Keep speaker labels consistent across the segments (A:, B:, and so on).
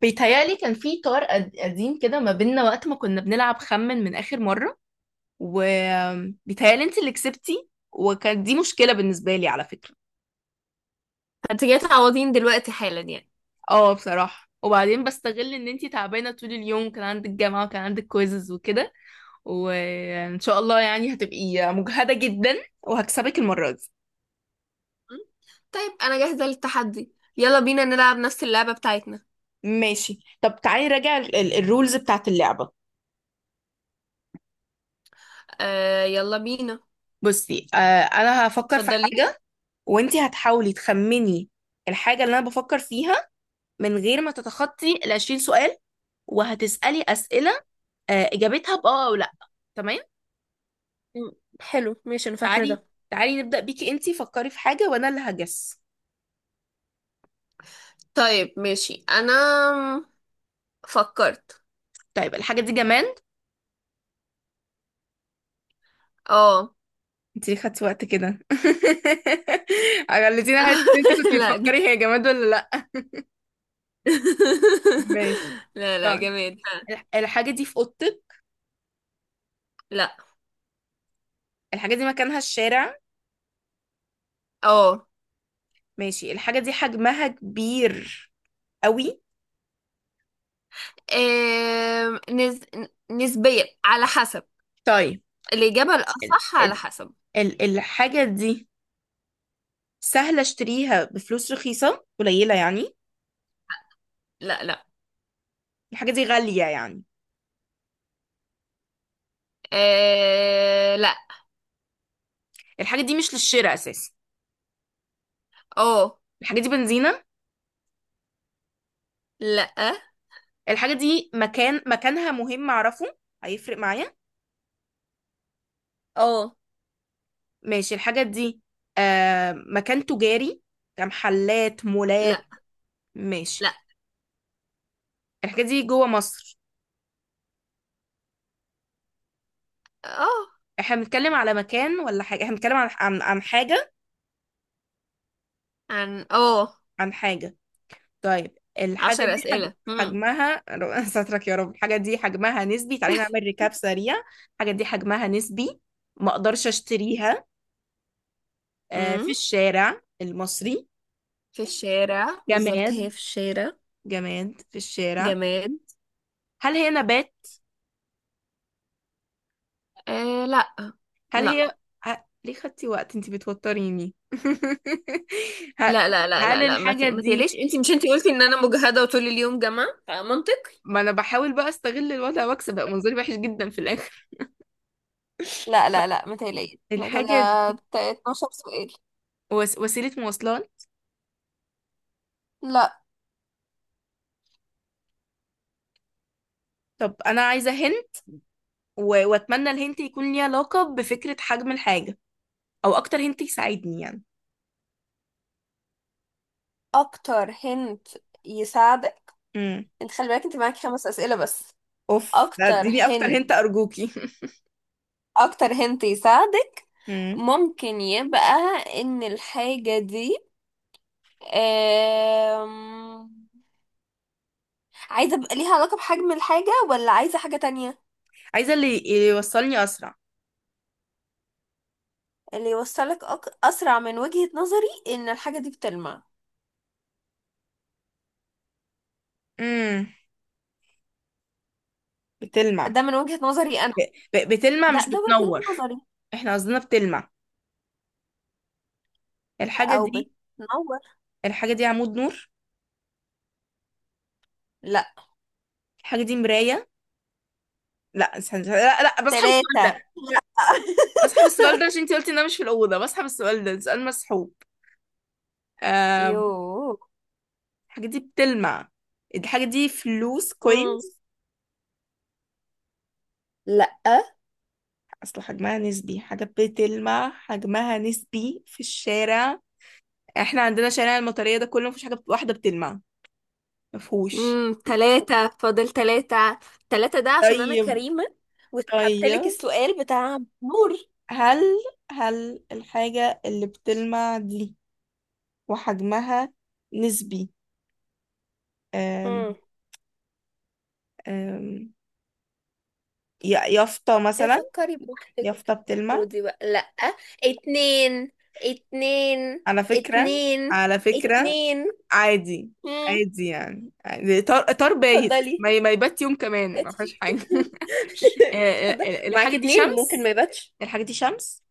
A: بيتهيألي كان في طار قديم كده ما بيننا وقت ما كنا بنلعب. خمن من آخر مرة وبيتهيألي انت اللي كسبتي، وكانت دي مشكلة بالنسبة لي على فكرة.
B: انت جاي تعوضين دلوقتي حالا يعني.
A: اه، بصراحة، وبعدين بستغل ان انت تعبانة، طول اليوم كان عندك جامعة وكان عندك كويزز وكده، وان شاء الله يعني هتبقي مجهدة جدا وهكسبك المرة دي.
B: م? طيب انا جاهزة للتحدي، يلا بينا نلعب نفس اللعبة بتاعتنا.
A: ماشي، طب تعالي راجع الرولز بتاعت اللعبة.
B: آه يلا بينا.
A: بصي، انا هفكر في
B: اتفضلي.
A: حاجة وانت هتحاولي تخمني الحاجة اللي انا بفكر فيها من غير ما تتخطي ال 20 سؤال. وهتسألي أسئلة، إجابتها بأه أو لأ. تمام.
B: م، حلو ماشي انا فاكره
A: تعالي،
B: ده.
A: تعالي نبدأ بيكي. انتي فكري في حاجة وأنا اللي هجس.
B: طيب ماشي انا فكرت.
A: طيب، الحاجة دي جماد؟
B: اه.
A: انتي ليه خدتي وقت كده؟ خليتيني أحس إن انتي كنتي
B: لا ج-
A: بتفكري هي جماد ولا لأ. ماشي.
B: لا لا
A: طيب،
B: جماد لا.
A: الحاجة دي في أوضتك؟
B: لا.
A: الحاجة دي مكانها الشارع؟
B: اه.
A: ماشي. الحاجة دي حجمها كبير قوي؟
B: آم، نز... نسبيا على حسب.
A: طيب،
B: الإجابة
A: ال
B: الأصح على
A: ال
B: حسب.
A: ال الحاجة دي سهلة اشتريها بفلوس رخيصة قليلة يعني؟
B: لا لا.
A: الحاجة دي غالية يعني؟
B: آه لا.
A: الحاجة دي مش للشراء أساسا؟
B: اه.
A: الحاجة دي بنزينة؟
B: لا.
A: الحاجة دي مكانها مهم أعرفه، هيفرق معايا؟
B: اه.
A: ماشي. الحاجة دي مكان تجاري، كمحلات
B: لا
A: مولات؟
B: لا.
A: ماشي. الحاجة دي جوه مصر؟
B: اه.
A: احنا بنتكلم على مكان ولا حاجة؟ احنا بنتكلم عن حاجة؟
B: عن اه.
A: عن حاجة. طيب الحاجة دي
B: عشر أسئلة. مم.
A: حجمها... سترك يا رب. الحاجة دي حجمها نسبي. تعالي نعمل ريكاب سريع. الحاجة دي حجمها نسبي، ما اقدرش اشتريها،
B: مم.
A: في الشارع المصري.
B: في الشارع بالظبط
A: جماد،
B: هي في الشارع.
A: جماد في الشارع.
B: جماد.
A: هل هي نبات؟
B: آه لا.
A: هل
B: لا.
A: هي... ليه خدتي وقت؟ انتي بتوتريني. ه-
B: لا لا لا
A: هل
B: لا لا
A: الحاجة
B: ما
A: دي...
B: تقليش، انت مش انت قلتي ان انا مجهدة وطول اليوم جامعة فمنطقي.
A: ما انا بحاول بقى استغل الوضع واكسب، بقى منظري وحش جدا في الاخر.
B: لا لا لا ما تقلقيش احنا كده.
A: الحاجة دي
B: 12 سؤال.
A: وسيلة مواصلات؟
B: لا.
A: طب انا عايزة واتمنى الهنت يكون ليه علاقة بفكرة حجم الحاجة، او اكتر هنت يساعدني يعني.
B: اكتر هنت يساعدك.
A: امم
B: انت خلي بالك انت معاكي خمس اسئله بس.
A: اوف، لا،
B: اكتر
A: اديني اكتر
B: هنت.
A: هنت ارجوكي.
B: اكتر هنت يساعدك.
A: امم
B: ممكن يبقى ان الحاجة دي أم... عايزة بقى ليها علاقة بحجم الحاجة، ولا عايزة حاجة تانية.
A: عايزة اللي يوصلني اسرع.
B: اللي يوصلك أسرع من وجهة نظري إن الحاجة دي بتلمع.
A: امم بتلمع؟
B: ده من وجهة نظري أنا.
A: ب- بتلمع
B: ده
A: مش
B: ده وجهة
A: بتنور؟
B: نظري.
A: احنا قصدنا بتلمع. الحاجة
B: أو
A: دي...
B: بتنور.
A: الحاجة دي عمود نور؟
B: لا.
A: الحاجة دي مراية؟ لا استنى استنى. لا لا، بسحب السؤال
B: تلاتة.
A: ده. بسحب السؤال ده عشان انت قلتي ان انا مش في الأوضة. بسحب السؤال ده، سؤال مسحوب. آم،
B: يوه.
A: الحاجة دي بتلمع. الحاجة دي فلوس
B: مم.
A: كوينز؟
B: لا.
A: اصل حجمها نسبي، حاجة بتلمع حجمها نسبي في الشارع. احنا عندنا شارع المطرية ده كله مفيش حاجة واحدة بتلمع، مفهوش.
B: امم. تلاتة، فاضل تلاتة. تلاتة ده عشان أنا
A: طيب،
B: كريمة وسحبتلك
A: طيب،
B: السؤال بتاع نور.
A: هل... هل الحاجة اللي بتلمع دي وحجمها نسبي أم
B: مم.
A: أم يافطة
B: ايه
A: مثلا؟
B: فكري بوحدك.
A: يافطة بتلمع،
B: خدي بقى لا. اتنين. اتنين.
A: على فكرة،
B: اتنين.
A: على فكرة
B: اتنين.
A: عادي،
B: مم.
A: عادي يعني عادي. طار طار بايت،
B: اتفضلي.
A: ما يبات يوم كمان، ما فيهاش حاجة. آه،
B: اتفضلي، معاكي
A: الحاجة دي
B: اتنين ممكن ما
A: شمس؟
B: يباتش.
A: الحاجة دي شمس؟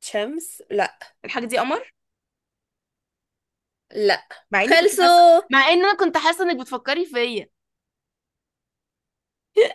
B: شمس لا.
A: الحاجة دي قمر؟
B: لا.
A: مع اني كنت حاسة،
B: خلصوا.
A: مع ان انا كنت حاسه انك بتفكري فيا.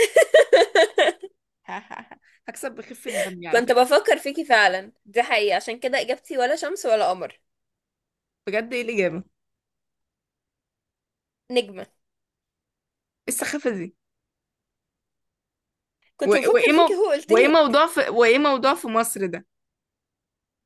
A: هكسب بخفة دمي على
B: كنت
A: فكرة.
B: بفكر فيكي فعلا، دي حقيقة، عشان كده اجابتي ولا شمس ولا قمر.
A: بجد، ايه الإجابة؟ ايه
B: نجمة.
A: السخافة دي؟
B: كنت
A: و- وايه
B: بفكر فيكي
A: مو...
B: هو قلتلك.
A: وايه موضوع في مصر ده؟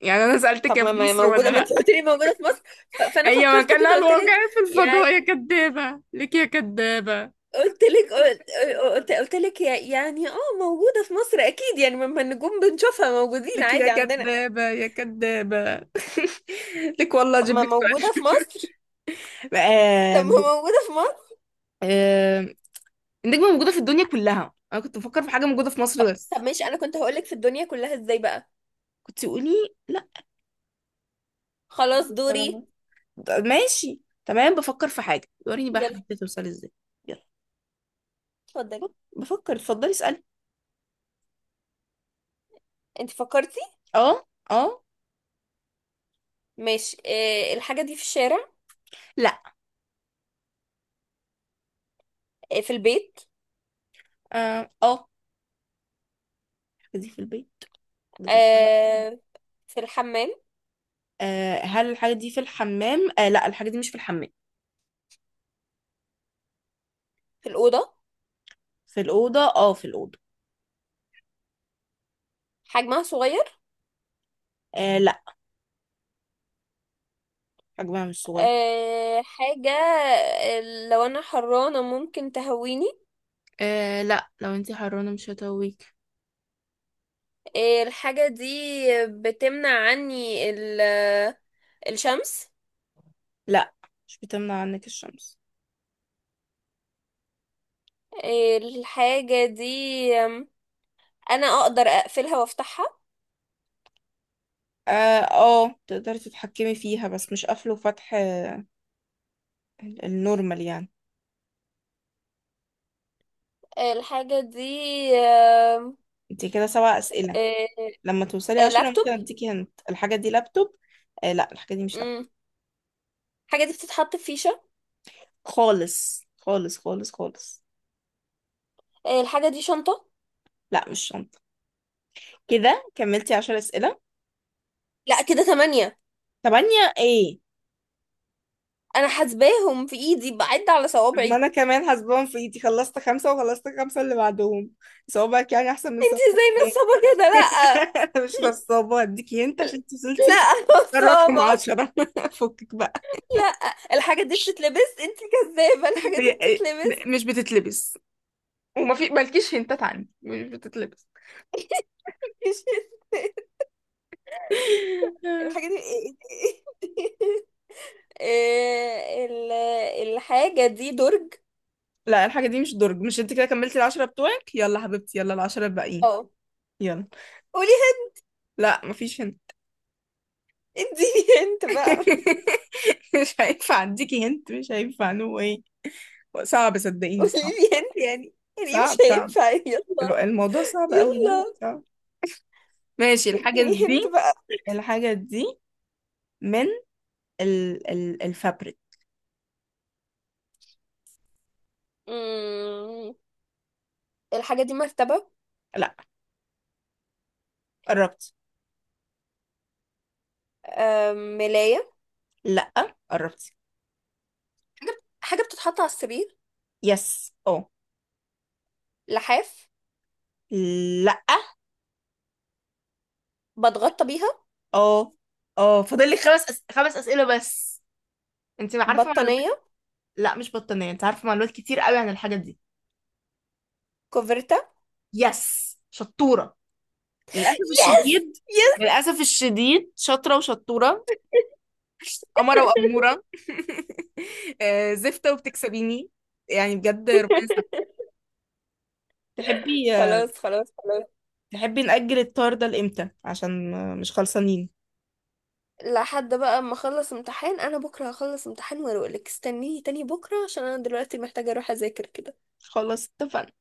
A: يعني انا سألتك
B: طب
A: يا
B: ما
A: في
B: ما
A: مصر ولا
B: موجودة، ما انت
A: لا.
B: قلت لي موجودة في مصر. فانا
A: هي
B: فكرت
A: مكانها
B: كده قلت لك.
A: الواقعي في
B: يا.
A: الفضاء، يا كدابة، لك يا كدابة،
B: قلت لك. قلت لك، يعني اه موجودة في مصر اكيد يعني. ما النجوم بنشوفها موجودين
A: لك يا
B: عادي عندنا.
A: كدابة، يا كدابة. لك والله
B: طب
A: اجيب
B: ما
A: لك سؤال.
B: موجودة في مصر. طب
A: آم،
B: ما موجودة في مصر.
A: آم، النجمة موجودة في الدنيا كلها، انا كنت بفكر في حاجة موجودة في مصر
B: طب
A: بس.
B: ماشي، انا كنت هقولك في الدنيا كلها ازاي بقى.
A: كنت تقولي لا.
B: خلاص دوري.
A: فأنا- ماشي، تمام. بفكر في حاجة، وريني بقى
B: يلا.
A: حبيتي توصلي ازاي. يلا
B: اتفضلي.
A: بفكر. اتفضلي اسألي.
B: انت فكرتي؟
A: اه، اه.
B: ماشي اه. الحاجة دي في الشارع.
A: لا.
B: اه في البيت.
A: اه، آه. دي في البيت. دي...
B: اه في الحمام.
A: آه، هل الحاجة دي في الحمام؟ آه لا، الحاجة دي مش في الحمام.
B: في الأوضة.
A: في الأوضة. اه، في الأوضة.
B: حجمها صغير.
A: آه لا، حجمها مش صغير.
B: اه. حاجة آه، لو انا حرانة ممكن تهويني.
A: آه لا، لو انتي حرانة مش هتقويك.
B: إيه، الحاجة دي بتمنع عني الشمس.
A: لا، مش بتمنع عنك الشمس.
B: إيه، الحاجة دي، أم، أنا أقدر أقفلها وأفتحها.
A: اه، آه، تقدري تتحكمي فيها بس مش قفل وفتح. آه، النورمال يعني.
B: إيه، الحاجة دي.
A: انت كده سبع أسئلة،
B: إيه،
A: لما توصلي
B: إيه،
A: عشرة
B: لابتوب.
A: ممكن اديكي هنت. الحاجة دي لابتوب؟ آه لا، الحاجة دي مش لابتوب.
B: مم. الحاجة دي بتتحط في فيشة.
A: خالص خالص خالص خالص.
B: إيه، الحاجة دي شنطة.
A: لا مش شنطة. كده كملتي عشر أسئلة.
B: لا كده تمانية.
A: تمانية ايه؟
B: أنا حاسباهم في إيدي بعد على
A: طب ما
B: صوابعي.
A: انا كمان حاسباهم في ايدي. خلصت خمسة وخلصت خمسة اللي بعدهم. صوابعك يعني احسن من
B: انت
A: صوابعك،
B: ازاي
A: ايه؟
B: نصابة كده. لا
A: انا مش نصابة، هديكي انت عشان انت وصلتي.
B: لا
A: مختار رقم
B: نصابة.
A: عشرة. فكك بقى.
B: لا. الحاجة دي بتتلبس، انت كذابة، الحاجة دي
A: إيه؟
B: بتتلبس.
A: مش بتتلبس، وما في مالكيش هنتات عندي. مش بتتلبس.
B: مش الحاجة دي. إيه ال- الحاجة دي درج.
A: لا الحاجة دي مش درج. مش انت كده كملتي العشرة بتوعك؟ يلا حبيبتي، يلا العشرة الباقيين.
B: اه
A: يلا.
B: قولي.
A: لا مفيش هنت.
B: هنت اديني. هنت بقى.
A: مش هينفع اديكي هنت، مش هينفع، نو. صعب، صدقيني
B: قولي
A: صعب،
B: لي هنت، يعني يعني مش
A: صعب، صعب.
B: هينفع، يلا.
A: الموضوع صعب قوي. لا لا،
B: يلا
A: صعب. ماشي، الحاجة
B: اديني هنت
A: دي...
B: بقى.
A: الحاجة دي من ال ال الفابريك.
B: مم. الحاجة دي مرتبة.
A: لا، قربت.
B: آم، ملاية.
A: لا، قربت.
B: حاجة بتتحط على السرير.
A: يس، اه.
B: لحاف.
A: لا.
B: بتغطى بيها.
A: اه، اه، فاضل لك خمس خمس أسئلة بس. انت عارفة معلومات.
B: بطانية.
A: لا مش بطانية، انت عارفة معلومات كتير قوي عن الحاجة دي.
B: كوفرتا.
A: يس شطورة، للأسف
B: يس
A: الشديد،
B: يس.
A: للأسف الشديد، شاطرة وشطورة، قمرة وأمورة. زفتة وبتكسبيني يعني، بجد ربنا يسامحك. تحبي
B: خلاص خلاص خلاص.
A: تحبي نأجل الطار ده لإمتى؟ عشان مش خلصانين.
B: لحد بقى ما اخلص امتحان، انا بكره هخلص امتحان واروح لك، استنيني تاني بكره عشان انا دلوقتي محتاجه اروح اذاكر كده.
A: خلاص اتفقنا.